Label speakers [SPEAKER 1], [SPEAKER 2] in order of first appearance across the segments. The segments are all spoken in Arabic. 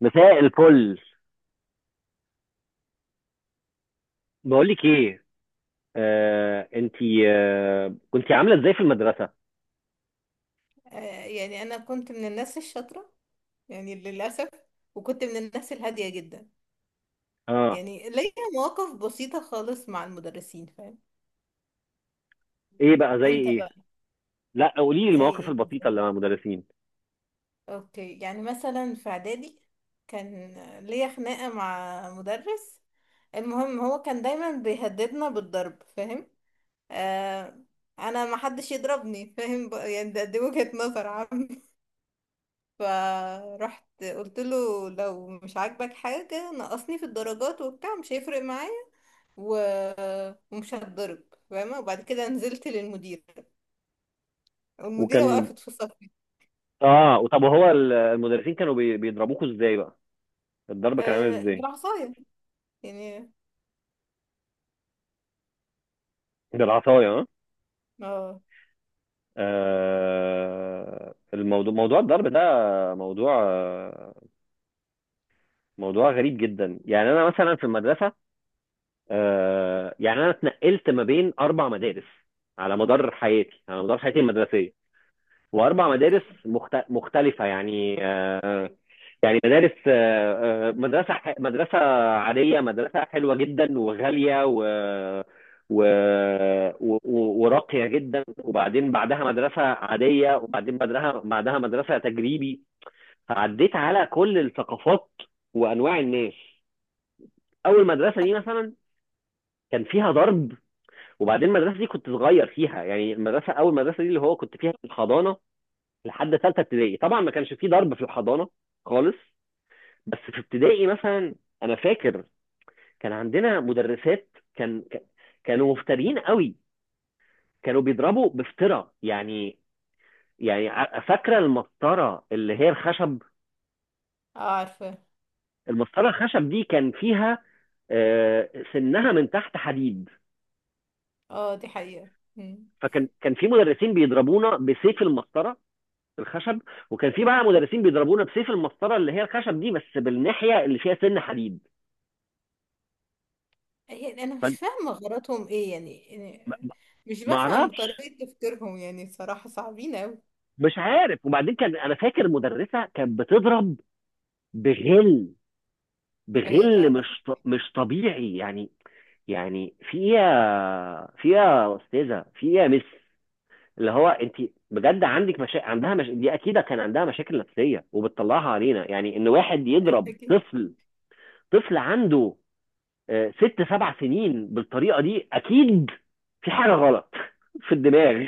[SPEAKER 1] مساء الفل. بقول لك ايه، انتي، كنتي عامله ازاي في المدرسه؟
[SPEAKER 2] آه، يعني انا كنت من الناس الشاطره، يعني للاسف. وكنت من الناس الهاديه جدا،
[SPEAKER 1] اه.
[SPEAKER 2] يعني ليا مواقف بسيطه خالص مع المدرسين فاهم.
[SPEAKER 1] ايه بقى زي
[SPEAKER 2] انت
[SPEAKER 1] ايه؟
[SPEAKER 2] بقى،
[SPEAKER 1] لا، قولي لي
[SPEAKER 2] زي
[SPEAKER 1] المواقف
[SPEAKER 2] ايه
[SPEAKER 1] البسيطه
[SPEAKER 2] مثلا؟
[SPEAKER 1] اللي مع المدرسين.
[SPEAKER 2] اوكي، يعني مثلا في اعدادي كان ليا خناقه مع مدرس. المهم هو كان دايما بيهددنا بالضرب فاهم. آه. انا ما حدش يضربني فاهم بقى، يعني دي وجهه نظر عامه. فرحت قلت له لو مش عاجبك حاجة نقصني في الدرجات وبتاع مش هيفرق معايا و... ومش هتضرب فاهمة. وبعد كده نزلت للمديرة والمديرة
[SPEAKER 1] وكان،
[SPEAKER 2] وقفت في صفي.
[SPEAKER 1] اه، وطب هو المدرسين كانوا بيضربوكوا ازاي بقى؟ الضرب كان عامل
[SPEAKER 2] آه،
[SPEAKER 1] ازاي؟
[SPEAKER 2] بالعصاية يعني.
[SPEAKER 1] بالعصايه، اه.
[SPEAKER 2] اه.
[SPEAKER 1] الموضوع، موضوع الضرب ده، موضوع موضوع غريب جدا. يعني انا مثلا في المدرسه، يعني انا اتنقلت ما بين اربع مدارس على مدار حياتي، على مدار حياتي المدرسيه، واربع
[SPEAKER 2] اوكي،
[SPEAKER 1] مدارس مختلفه يعني يعني مدارس، مدرسه، مدرسه عاديه، مدرسه حلوه جدا وغاليه و، و... و... وراقيه جدا، وبعدين بعدها مدرسه عاديه، وبعدين بعدها مدرسه تجريبي. فعديت على كل الثقافات وانواع الناس. اول مدرسه دي مثلا كان فيها ضرب. وبعدين المدرسه دي كنت صغير فيها، يعني المدرسه، اول مدرسه دي اللي هو كنت فيها في الحضانه لحد ثالثه ابتدائي، طبعا ما كانش فيه ضرب في الحضانه خالص. بس في ابتدائي مثلا، انا فاكر كان عندنا مدرسات، كانوا مفترين قوي، كانوا بيضربوا بفترة يعني. يعني فاكره المسطره اللي هي الخشب؟
[SPEAKER 2] اه عارفة.
[SPEAKER 1] المسطره الخشب دي كان فيها، سنها من تحت حديد.
[SPEAKER 2] اه دي حقيقة. مم.
[SPEAKER 1] فكان في مدرسين بيضربونا بسيف المسطره الخشب، وكان في بقى مدرسين بيضربونا بسيف المسطره اللي هي الخشب دي بس بالناحيه اللي فيها سن حديد.
[SPEAKER 2] يعني انا مش فاهمة غلطهم ايه يعني. مش
[SPEAKER 1] ما
[SPEAKER 2] بفهم
[SPEAKER 1] اعرفش،
[SPEAKER 2] بطريقة تفكيرهم، يعني صراحة صعبين اوي.
[SPEAKER 1] مش عارف. وبعدين كان، انا فاكر المدرسه كانت بتضرب بغل،
[SPEAKER 2] هي لا
[SPEAKER 1] بغل
[SPEAKER 2] لا.
[SPEAKER 1] مش طبيعي يعني. يعني في ايه يا، في ايه يا استاذه، في ايه يا مس، اللي هو انت بجد عندك عندها مش... دي اكيد كان عندها مشاكل نفسيه وبتطلعها علينا. يعني ان واحد يضرب
[SPEAKER 2] اكيد.
[SPEAKER 1] طفل، طفل عنده ست سبع سنين بالطريقه دي، اكيد في حاجه غلط في الدماغ.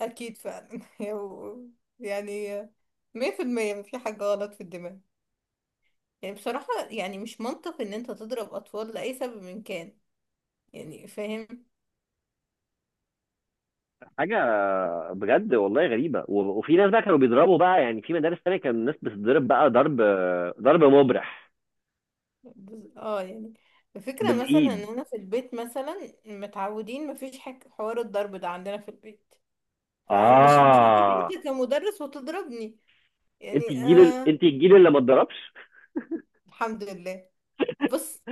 [SPEAKER 2] أكيد فعلا و- يعني 100% مفي حاجة غلط في الدماغ. يعني بصراحة، يعني مش منطق إن أنت تضرب أطفال لأي سبب من كان، يعني فاهم.
[SPEAKER 1] حاجه بجد والله غريبه وفي ناس بقى كانوا بيضربوا بقى، يعني في مدارس تانية كان الناس بتضرب بقى ضرب، ضرب مبرح.
[SPEAKER 2] اه، يعني الفكرة مثلا إن
[SPEAKER 1] بالايد،
[SPEAKER 2] أنا في البيت، مثلا متعودين مفيش حاجة، حوار الضرب ده عندنا في البيت. فمش مش هتيجي
[SPEAKER 1] اه.
[SPEAKER 2] أنت كمدرس وتضربني،
[SPEAKER 1] انت
[SPEAKER 2] يعني
[SPEAKER 1] الجيل
[SPEAKER 2] آه.
[SPEAKER 1] انت الجيل اللي ما اتضربش.
[SPEAKER 2] الحمد لله. بص،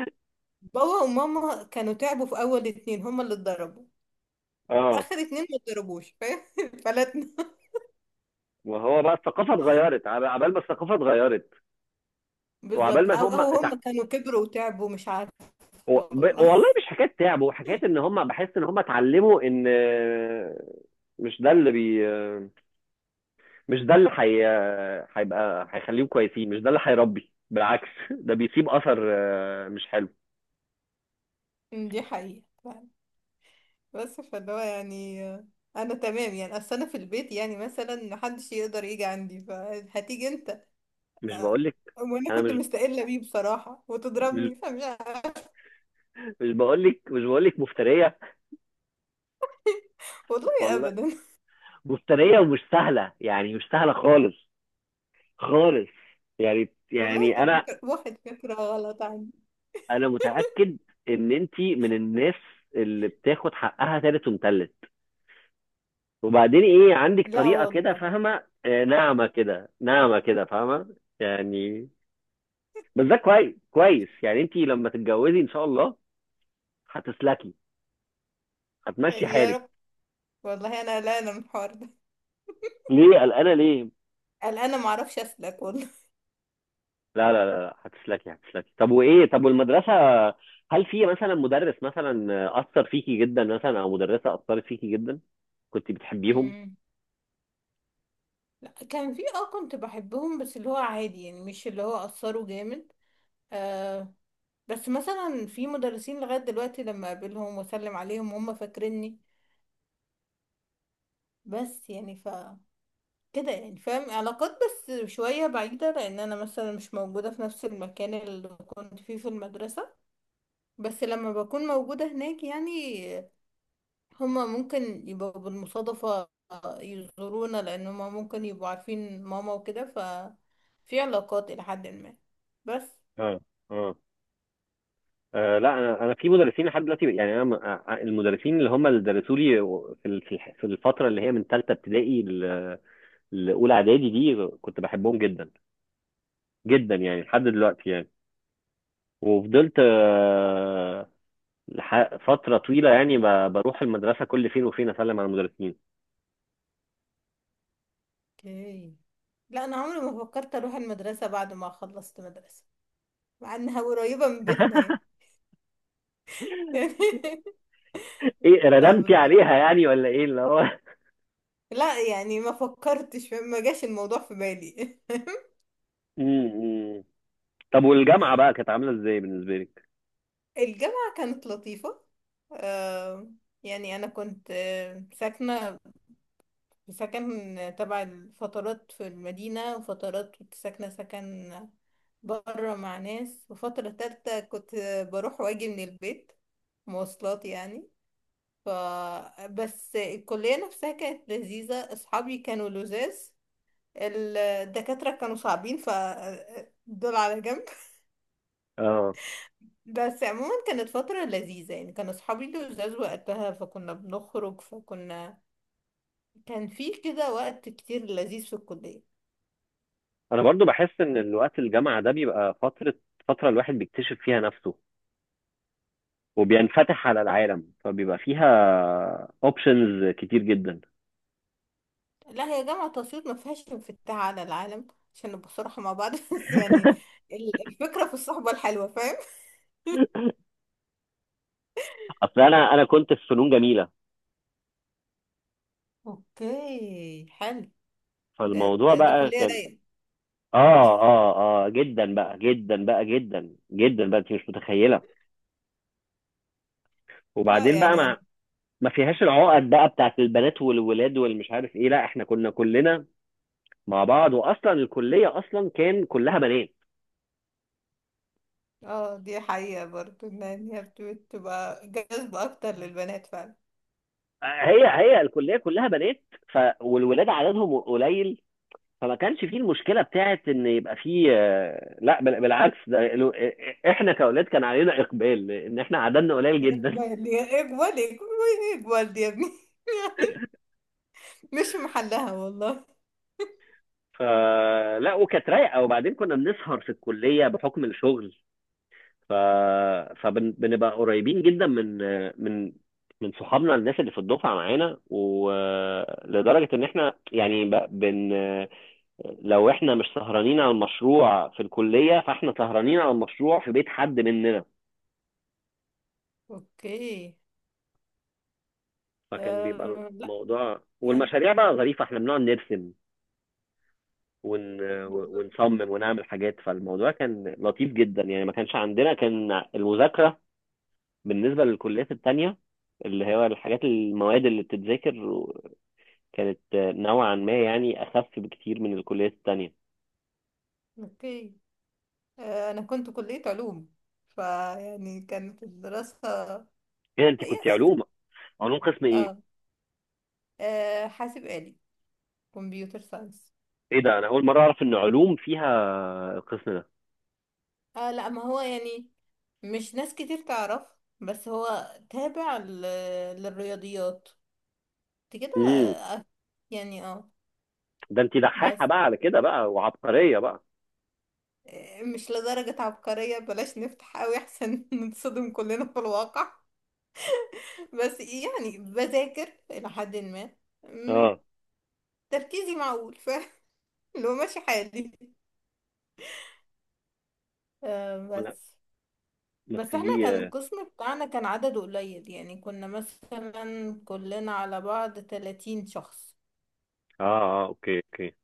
[SPEAKER 2] بابا وماما كانوا تعبوا في أول اتنين، هما اللي اتضربوا.
[SPEAKER 1] اه،
[SPEAKER 2] آخر اتنين ما اتضربوش فاهم فلتنا.
[SPEAKER 1] ما هو بقى الثقافه اتغيرت، عبال ما الثقافه اتغيرت. وعبال
[SPEAKER 2] بالظبط.
[SPEAKER 1] ما
[SPEAKER 2] او
[SPEAKER 1] هم
[SPEAKER 2] او هم كانوا كبروا وتعبوا، مش عارفة. والله.
[SPEAKER 1] والله مش حكايه تعب، وحكايه ان هم، بحس ان هم اتعلموا ان، مش ده اللي مش ده هيبقى، هيخليهم كويسين. مش ده اللي هيربي، بالعكس، ده بيسيب اثر مش حلو.
[SPEAKER 2] دي حقيقة فعلا. بس فاللي هو يعني انا تمام، يعني اصل انا في البيت يعني مثلا محدش يقدر يجي عندي، فهتيجي انت
[SPEAKER 1] مش
[SPEAKER 2] آه،
[SPEAKER 1] بقول لك؟
[SPEAKER 2] وانا
[SPEAKER 1] انا
[SPEAKER 2] كنت مستقلة بيه بصراحة
[SPEAKER 1] مش
[SPEAKER 2] وتضربني، فمش عارفة.
[SPEAKER 1] مش بقول لك، مش بقول لك مفتريه،
[SPEAKER 2] والله
[SPEAKER 1] والله
[SPEAKER 2] ابدا.
[SPEAKER 1] مفتريه ومش سهله، يعني مش سهله خالص، خالص. يعني
[SPEAKER 2] والله انت
[SPEAKER 1] يعني انا،
[SPEAKER 2] فاكر واحد فكرة غلط عندي.
[SPEAKER 1] انا متاكد ان انت من الناس اللي بتاخد حقها تالت ومتلت. وبعدين ايه، عندك
[SPEAKER 2] لا
[SPEAKER 1] طريقه كده
[SPEAKER 2] والله.
[SPEAKER 1] فاهمه، ناعمه كده، ناعمه كده فاهمه يعني. بس ده كويس، كويس، يعني انت لما تتجوزي ان شاء الله هتسلكي، هتمشي
[SPEAKER 2] يا
[SPEAKER 1] حالك.
[SPEAKER 2] رب. والله انا قلقانة من الحوار ده.
[SPEAKER 1] ليه قلقانه، ليه؟
[SPEAKER 2] قلقانة معرفش اسلك والله.
[SPEAKER 1] لا، هتسلكي، هتسلكي. طب وايه، طب والمدرسه، هل في مثلا مدرس مثلا اثر فيكي جدا، مثلا، او مدرسه اثرت فيكي جدا، كنت بتحبيهم؟
[SPEAKER 2] مم. لا، كان في كنت بحبهم بس اللي هو عادي، يعني مش اللي هو اثروا جامد. آه بس مثلا في مدرسين لغاية دلوقتي لما اقابلهم واسلم عليهم هم فاكريني. بس يعني كده يعني، فاهم علاقات بس شوية بعيدة، لأن أنا مثلا مش موجودة في نفس المكان اللي كنت فيه في المدرسة. بس لما بكون موجودة هناك يعني، هما ممكن يبقوا بالمصادفة يزورونا، لأن هما ممكن يبقوا عارفين ماما وكده في علاقات إلى حد ما بس.
[SPEAKER 1] اه، اه. آه، لا انا، انا في مدرسين لحد دلوقتي، يعني انا المدرسين اللي هم اللي درسوا لي في في في الفتره اللي هي من ثالثه ابتدائي لاولى اعدادي، دي كنت بحبهم جدا جدا، يعني لحد دلوقتي يعني. وفضلت فترة طويلة يعني بروح المدرسة كل فين وفين أسلم على المدرسين.
[SPEAKER 2] اوكي. لا، أنا عمري ما فكرت أروح المدرسة بعد ما خلصت مدرسة، مع إنها قريبة من بيتنا يعني. يعني
[SPEAKER 1] إيه،
[SPEAKER 2] لا
[SPEAKER 1] ندمتي
[SPEAKER 2] بصراحة،
[SPEAKER 1] عليها يعني ولا إيه اللي هو؟
[SPEAKER 2] لا يعني ما فكرتش، ما جاش الموضوع في بالي.
[SPEAKER 1] م- م. طب والجامعة بقى، كانت عاملة إزاي بالنسبة لك؟
[SPEAKER 2] الجامعة كانت لطيفة. آه، يعني أنا كنت ساكنة سكن تبع الفترات في المدينة، وفترات كنت ساكنة سكن برا مع ناس، وفترة تالتة كنت بروح واجي من البيت، مواصلات يعني. ف بس الكلية نفسها كانت لذيذة، أصحابي كانوا لذاذ. الدكاترة كانوا صعبين، دول على جنب.
[SPEAKER 1] آه.
[SPEAKER 2] بس عموما كانت فترة لذيذة، يعني كان أصحابي لذاذ وقتها فكنا بنخرج كان في كده وقت كتير لذيذ في الكلية.
[SPEAKER 1] أنا برضو بحس إن الوقت الجامعة ده بيبقى فترة، فترة الواحد بيكتشف فيها نفسه وبينفتح على العالم، فبيبقى فيها اوبشنز كتير جدا.
[SPEAKER 2] لا، هي جامعة أسيوط ما فيهاش انفتاح على العالم، عشان نبقى صراحة مع بعض بس يعني الفكرة في الصحبة الحلوة فاهم.
[SPEAKER 1] اصل انا، انا كنت في فنون جميله،
[SPEAKER 2] اوكي حلو. ده,
[SPEAKER 1] فالموضوع
[SPEAKER 2] ده دي
[SPEAKER 1] بقى
[SPEAKER 2] كلية
[SPEAKER 1] كان،
[SPEAKER 2] رايقة.
[SPEAKER 1] اه اه، اه جدا بقى، جدا بقى، جدا بقى، انت مش متخيله.
[SPEAKER 2] لا
[SPEAKER 1] وبعدين بقى،
[SPEAKER 2] يعني
[SPEAKER 1] ما فيهاش العقد بقى بتاعت البنات والولاد والمش عارف ايه، لا احنا كنا كلنا مع بعض، واصلا الكليه اصلا كان كلها بنات.
[SPEAKER 2] اه، دي حقيقة برضو ان هي بتبقى جذبة اكتر للبنات فعلا.
[SPEAKER 1] هي، هي الكليه كلها بنات، ف والولاد عددهم قليل، فما كانش فيه المشكله بتاعت ان يبقى فيه لا بالعكس، احنا كاولاد كان علينا اقبال ان احنا عددنا قليل جدا.
[SPEAKER 2] اقبل يا اقبل اقبل، اقبل دي يا ابني مش محلها والله.
[SPEAKER 1] فلا، وكانت رايقه. وبعدين كنا بنسهر في الكليه بحكم الشغل، ف... فبنبقى قريبين جدا من، من من صحابنا، الناس اللي في الدفعه معانا، ولدرجه ان احنا، يعني ب- بن لو احنا مش سهرانين على المشروع في الكليه فاحنا سهرانين على المشروع في بيت حد مننا.
[SPEAKER 2] اوكي.
[SPEAKER 1] فكان بيبقى
[SPEAKER 2] آه لا
[SPEAKER 1] الموضوع،
[SPEAKER 2] يعني،
[SPEAKER 1] والمشاريع بقى ظريفه، احنا بنقعد نرسم ون...
[SPEAKER 2] بالظبط.
[SPEAKER 1] ونصمم ونعمل حاجات. فالموضوع كان لطيف جدا يعني، ما كانش عندنا كان المذاكره بالنسبة للكليات التانية، اللي هو الحاجات، المواد اللي بتتذاكر كانت نوعا ما يعني أخف بكتير من الكليات التانية.
[SPEAKER 2] اوكي. انا كنت كلية علوم، فيعني كانت الدراسة.
[SPEAKER 1] ايه ده، انت كنت
[SPEAKER 2] يا-
[SPEAKER 1] علوم؟ علوم قسم ايه؟
[SPEAKER 2] اه. حاسب آلي، كمبيوتر ساينس.
[SPEAKER 1] ايه ده، انا اول مرة اعرف ان علوم فيها القسم ده.
[SPEAKER 2] اه لا، ما هو يعني مش ناس كتير تعرف، بس هو تابع للرياضيات انت كده.
[SPEAKER 1] امم.
[SPEAKER 2] يعني اه
[SPEAKER 1] ده انت دحاحة
[SPEAKER 2] بس
[SPEAKER 1] بقى على كده بقى، وعبقرية بقى.
[SPEAKER 2] مش لدرجة عبقرية، بلاش نفتح قوي احسن نتصدم كلنا في الواقع. بس يعني بذاكر إلى حد ما. مم،
[SPEAKER 1] اه.
[SPEAKER 2] تركيزي معقول، لو ماشي حالي.
[SPEAKER 1] لا
[SPEAKER 2] بس،
[SPEAKER 1] بس
[SPEAKER 2] بس احنا
[SPEAKER 1] دي
[SPEAKER 2] كان
[SPEAKER 1] اه،
[SPEAKER 2] القسم بتاعنا كان عدده قليل، يعني كنا مثلا كلنا على بعض 30 شخص.
[SPEAKER 1] اه، اوكي اوكي.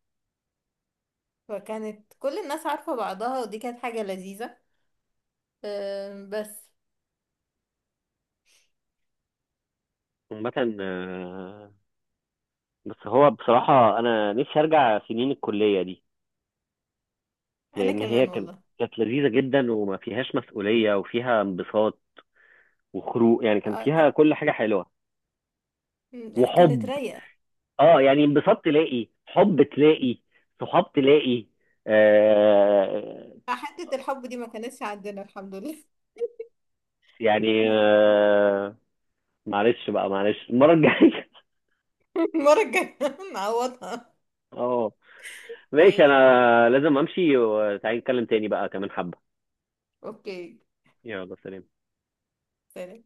[SPEAKER 2] فكانت كل الناس عارفة بعضها، ودي كانت حاجة لذيذة. بس
[SPEAKER 1] عامة بس هو بصراحة انا نفسي ارجع سنين الكلية دي،
[SPEAKER 2] انا
[SPEAKER 1] لان هي
[SPEAKER 2] كمان
[SPEAKER 1] كانت،
[SPEAKER 2] والله.
[SPEAKER 1] كانت لذيذة جدا وما فيهاش مسؤولية وفيها انبساط وخروج، يعني كان
[SPEAKER 2] آه
[SPEAKER 1] فيها كل حاجة حلوة.
[SPEAKER 2] لا، كانت
[SPEAKER 1] وحب،
[SPEAKER 2] رايقة.
[SPEAKER 1] اه، يعني انبساط، تلاقي حب، تلاقي صحاب، تلاقي، آه
[SPEAKER 2] حتة الحب دي ما كانتش عندنا الحمد لله.
[SPEAKER 1] يعني،
[SPEAKER 2] انا،
[SPEAKER 1] آه، معلش بقى، معلش المرة الجاية.
[SPEAKER 2] المرة الجاية نعوضها.
[SPEAKER 1] اه، ماشي،
[SPEAKER 2] ماشي.
[SPEAKER 1] انا لازم امشي، وتعالي نتكلم تاني بقى كمان حبة.
[SPEAKER 2] اوكي.
[SPEAKER 1] يلا، سلام.
[SPEAKER 2] سلام.